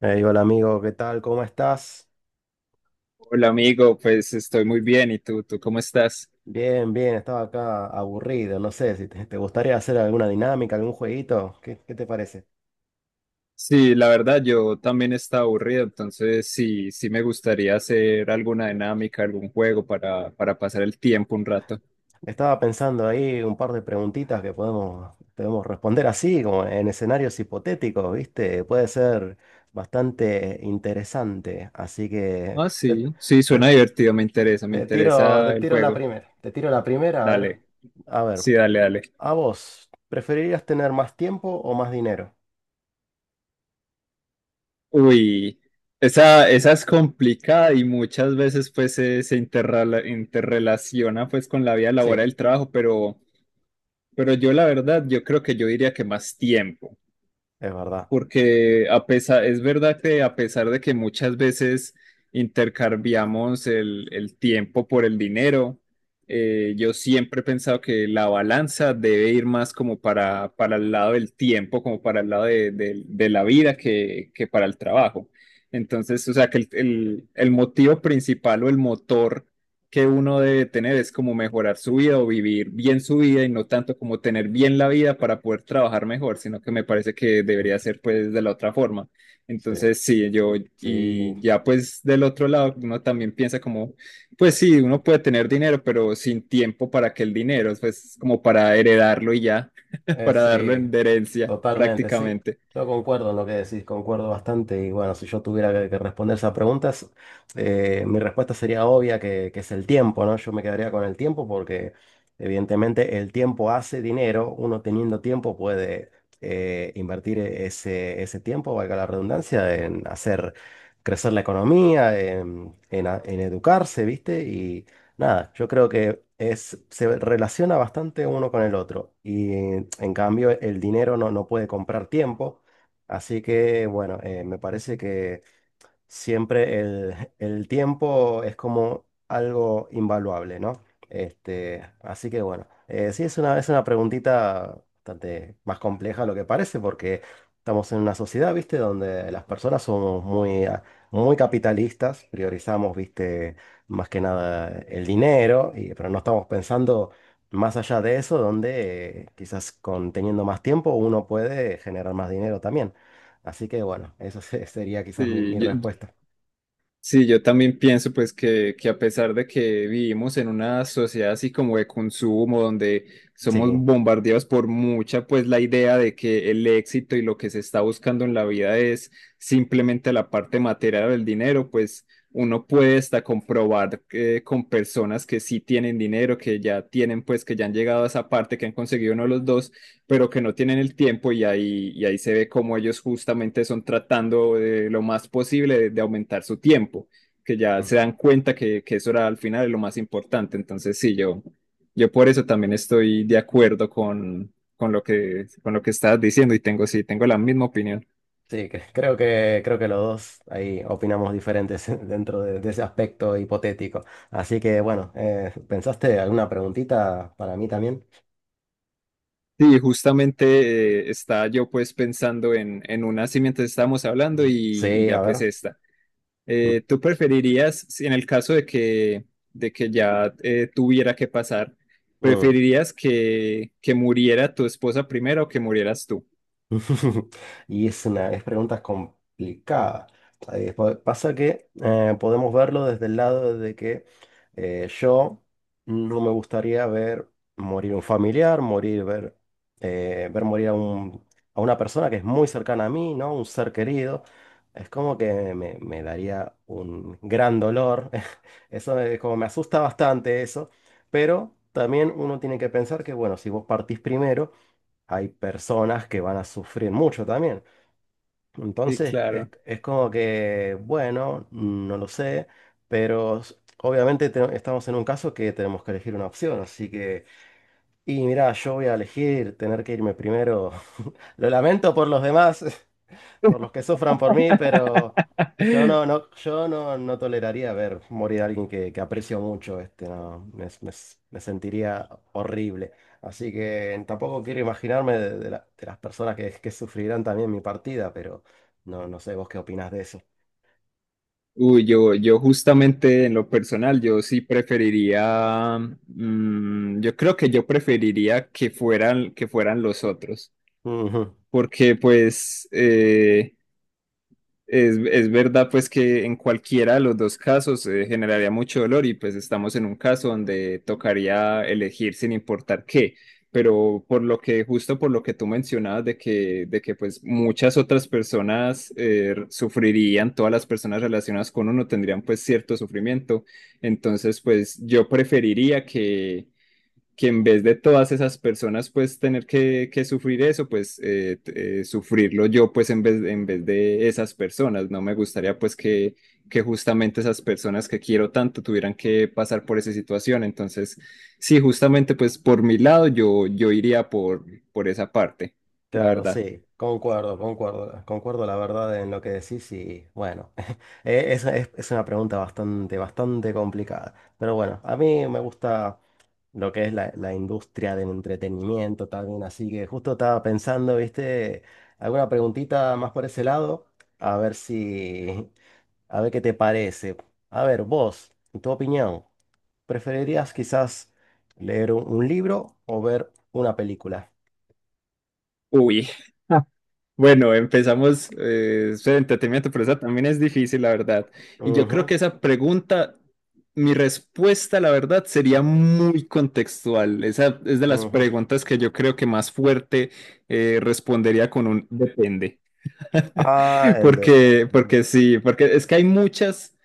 Ey, hola amigo, ¿qué tal? ¿Cómo estás? Hola amigo, pues estoy muy bien. ¿Y tú cómo estás? Bien, bien, estaba acá aburrido, no sé si te gustaría hacer alguna dinámica, algún jueguito, ¿qué te parece? Sí, la verdad, yo también estaba aburrido, entonces sí me gustaría hacer alguna dinámica, algún juego para pasar el tiempo un rato. Estaba pensando ahí un par de preguntitas que podemos responder así, como en escenarios hipotéticos, ¿viste? Puede ser bastante interesante, así que Ah, sí, sí, te- suena divertido, me te tiro, interesa te el tiro la juego. primera, a ver, Dale, a ver, sí, dale, dale. ¿a vos preferirías tener más tiempo o más dinero? Uy, esa es complicada y muchas veces pues interrelaciona pues con la vida Sí, laboral del trabajo, pero yo la verdad, yo creo que yo diría que más tiempo, es verdad. porque a pesar, es verdad que a pesar de que muchas veces intercambiamos el tiempo por el dinero. Yo siempre he pensado que la balanza debe ir más como para el lado del tiempo, como para el lado de la vida que para el trabajo. Entonces, o sea, que el motivo principal o el motor que uno debe tener es como mejorar su vida o vivir bien su vida y no tanto como tener bien la vida para poder trabajar mejor, sino que me parece que debería ser pues de la otra forma. Sí. Entonces, sí, yo, Sí, y ya pues del otro lado, uno también piensa como, pues sí, uno puede tener dinero, pero sin tiempo, para que el dinero, pues como para heredarlo y ya, para darlo sí, en de herencia totalmente, sí. prácticamente. Yo concuerdo en lo que decís, concuerdo bastante. Y bueno, si yo tuviera que responder esas preguntas, mi respuesta sería obvia que es el tiempo, ¿no? Yo me quedaría con el tiempo porque evidentemente el tiempo hace dinero. Uno teniendo tiempo puede invertir ese tiempo, valga la redundancia, en hacer crecer la economía, en educarse, ¿viste? Y nada, yo creo que es, se relaciona bastante uno con el otro y en cambio el dinero no, no puede comprar tiempo, así que bueno, me parece que siempre el tiempo es como algo invaluable, ¿no? Así que bueno, sí es una preguntita bastante más compleja de lo que parece, porque estamos en una sociedad, ¿viste? Donde las personas somos muy, muy capitalistas, priorizamos, ¿viste? Más que nada el dinero, pero no estamos pensando más allá de eso, donde quizás con teniendo más tiempo uno puede generar más dinero también. Así que bueno, sería quizás mi Sí, mi yo, respuesta. sí, yo también pienso pues que a pesar de que vivimos en una sociedad así como de consumo, donde somos Sí, bombardeados por mucha, pues la idea de que el éxito y lo que se está buscando en la vida es simplemente la parte material del dinero, pues uno puede hasta comprobar, con personas que sí tienen dinero, que ya tienen, pues que ya han llegado a esa parte, que han conseguido uno de los dos, pero que no tienen el tiempo, y y ahí se ve cómo ellos justamente son tratando de lo más posible de aumentar su tiempo, que ya mm, se dan cuenta que eso era al final lo más importante. Entonces, sí, yo por eso también estoy de acuerdo con lo con lo que estabas diciendo y tengo, sí, tengo la misma opinión. sí, creo que los dos ahí opinamos diferentes dentro de ese aspecto hipotético. Así que bueno, ¿pensaste alguna preguntita para mí también? Sí, justamente, estaba yo pues pensando en una así mientras estábamos hablando, y Sí, a ya pues ver. esta. Mm. ¿Tú preferirías, si en el caso de que ya, tuviera que pasar, Mm. preferirías que muriera tu esposa primero o que murieras tú? Y es una es pregunta complicada. Pasa que podemos verlo desde el lado de que yo no me gustaría ver morir un familiar, morir, ver, eh, ver morir a un- a una persona que es muy cercana a mí, ¿no? Un ser querido. Es como que me daría un gran dolor. Eso es como me asusta bastante eso. Pero también uno tiene que pensar que, bueno, si vos partís primero hay personas que van a sufrir mucho también. Sí, Entonces, claro. es como que, bueno, no lo sé, pero obviamente estamos en un caso que tenemos que elegir una opción, así que, y mira, yo voy a elegir tener que irme primero. Lo lamento por los demás, por los que sufran por mí, pero yo no, no, yo no, no toleraría ver morir a alguien que aprecio mucho, este, no, me sentiría horrible. Así que tampoco quiero imaginarme de las personas que sufrirán también mi partida, pero no, no sé vos qué opinás de eso. Uy, yo justamente en lo personal, yo sí preferiría, mm, yo creo que yo preferiría que fueran los otros, Ujú. porque pues... es verdad pues que en cualquiera de los dos casos generaría mucho dolor, y pues estamos en un caso donde tocaría elegir sin importar qué, pero por lo que, justo por lo que tú mencionabas de de que pues muchas otras personas, sufrirían, todas las personas relacionadas con uno tendrían pues cierto sufrimiento, entonces pues yo preferiría que en vez de todas esas personas pues tener que sufrir eso, pues sufrirlo yo pues en en vez de esas personas. No me gustaría pues que justamente esas personas que quiero tanto tuvieran que pasar por esa situación. Entonces sí, justamente pues por mi lado yo, yo iría por esa parte, la Claro, verdad. sí, concuerdo, concuerdo, concuerdo la verdad en lo que decís y bueno, es una pregunta bastante, bastante complicada. Pero bueno, a mí me gusta lo que es la industria del entretenimiento también. Así que justo estaba pensando, ¿viste? Alguna preguntita más por ese lado, a ver si, a ver qué te parece. A ver, vos, en tu opinión, ¿preferirías quizás leer un libro o ver una película? Uy, bueno, empezamos, eso de entretenimiento, pero esa también es difícil, la verdad. Y yo creo Ujú, que esa pregunta, mi respuesta, la verdad, sería muy contextual. Esa es de las ujú. preguntas que yo creo que más fuerte, respondería con un depende. Ah, el de... Porque, peli. porque sí, porque es que hay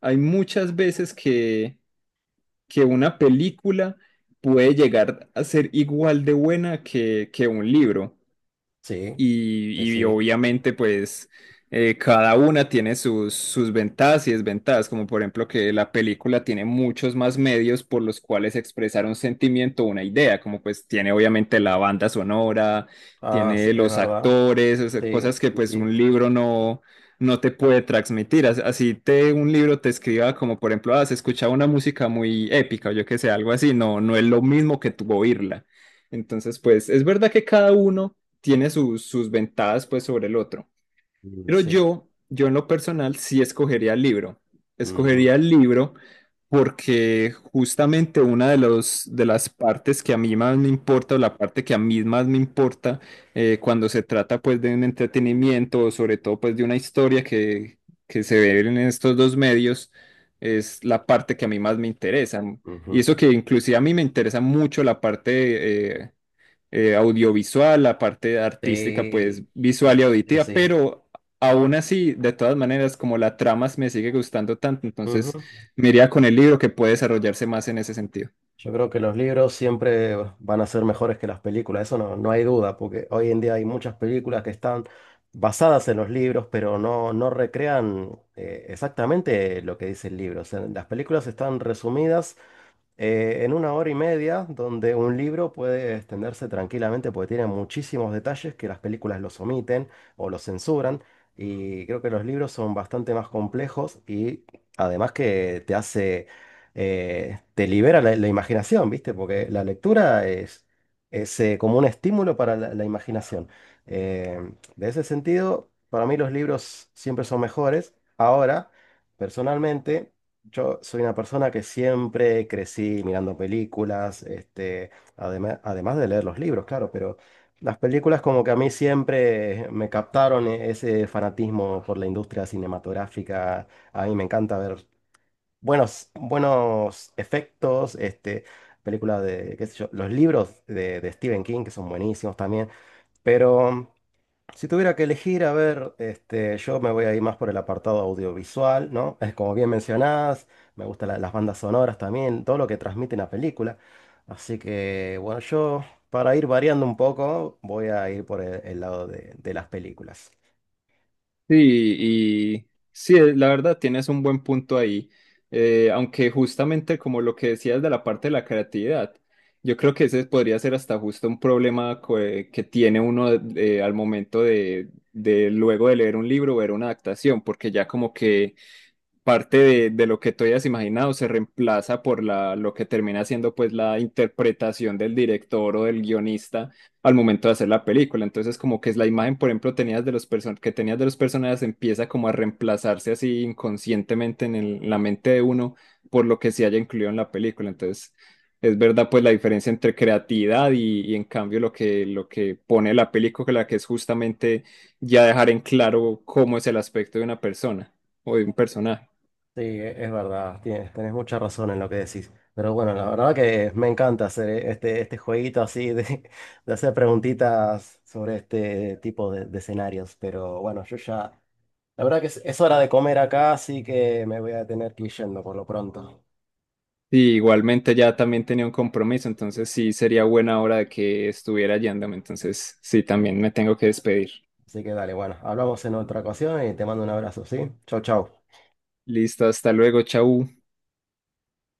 hay muchas veces que una película puede llegar a ser igual de buena que un libro. Sí, sí, Y, y sí. obviamente pues, cada una tiene sus, sus ventajas y desventajas, como por ejemplo que la película tiene muchos más medios por los cuales expresar un sentimiento o una idea, como pues tiene obviamente la banda sonora, Ah, tiene es los verdad. actores, o sea, Sí, cosas que sí, pues sí. un libro no... no te puede transmitir. As- así te un libro te escriba como por ejemplo, ah, se escucha una música muy épica o yo que sé, algo así, no, no es lo mismo que tú oírla. Entonces, pues es verdad que cada uno tiene sus, sus ventajas pues sobre el otro. Mm, Pero sí. yo en lo personal sí escogería el libro. Ujú, Escogería el libro porque justamente una de las partes que a mí más me importa, o la parte que a mí más me importa, cuando se trata pues de un entretenimiento, o sobre todo pues de una historia que se ve en estos dos medios, es la parte que a mí más me interesa. Y ujú. eso que inclusive a mí me interesa mucho la parte audiovisual, la parte artística, pues Sí. visual y Sí, sí, auditiva, sí. pero aún así, de todas maneras, como la trama me sigue gustando tanto, entonces Ujú. me iría con el libro, que puede desarrollarse más en ese sentido. Yo creo que los libros siempre van a ser mejores que las películas, eso no, no hay duda, porque hoy en día hay muchas películas que están basadas en los libros, pero no, no recrean exactamente lo que dice el libro. O sea, las películas están resumidas en una hora y media, donde un libro puede extenderse tranquilamente porque tiene muchísimos detalles que las películas los omiten o los censuran. Y creo que los libros son bastante más complejos y además que te hace, te libera la imaginación, ¿viste? Porque la lectura es, como un estímulo para la imaginación. Eh, de ese sentido, para mí los libros siempre son mejores. Ahora, personalmente... Yo soy una persona que siempre crecí mirando películas, este, además, además de leer los libros, claro, pero las películas como que a mí siempre me captaron ese fanatismo por la industria cinematográfica. A mí me encanta ver buenos, buenos efectos, este, películas de, qué sé yo, los libros de Stephen King, que son buenísimos también, pero... Si tuviera que elegir, a ver, este, yo me voy a ir más por el apartado audiovisual, ¿no? Es como bien mencionadas, me gustan las bandas sonoras también, todo lo que transmite la película. Así que, bueno, yo para ir variando un poco, voy a ir por el lado de las películas. Sí, y sí, la verdad tienes un buen punto ahí. Aunque justamente como lo que decías de la parte de la creatividad, yo creo que ese podría ser hasta justo un problema que tiene uno, al momento de luego de leer un libro ver una adaptación, porque ya como que parte de lo que tú hayas imaginado se reemplaza por la, lo que termina siendo pues la interpretación del director o del guionista al momento de hacer la película. Entonces como que es la imagen, por ejemplo, tenías de los person- que tenías de los personajes empieza como a reemplazarse así inconscientemente en la mente de uno por lo que se haya incluido en la película. Entonces es verdad pues la diferencia entre creatividad y en cambio lo lo que pone la película, que es justamente ya dejar en claro cómo es el aspecto de una persona o de un personaje. Sí, es verdad, tienes, tenés mucha razón en lo que decís. Pero bueno, la verdad que me encanta hacer este, este jueguito así de hacer preguntitas sobre este tipo de escenarios. Pero bueno, yo ya... La verdad que es hora de comer acá, así que me voy a tener que ir yendo por lo pronto. Sí, igualmente ya también tenía un compromiso, entonces sí sería buena hora de que estuviera yéndome, entonces sí, también me tengo que despedir. Así que dale, bueno, hablamos en otra ocasión y te mando un abrazo, ¿sí? Chau, chau. Listo, hasta luego, chau.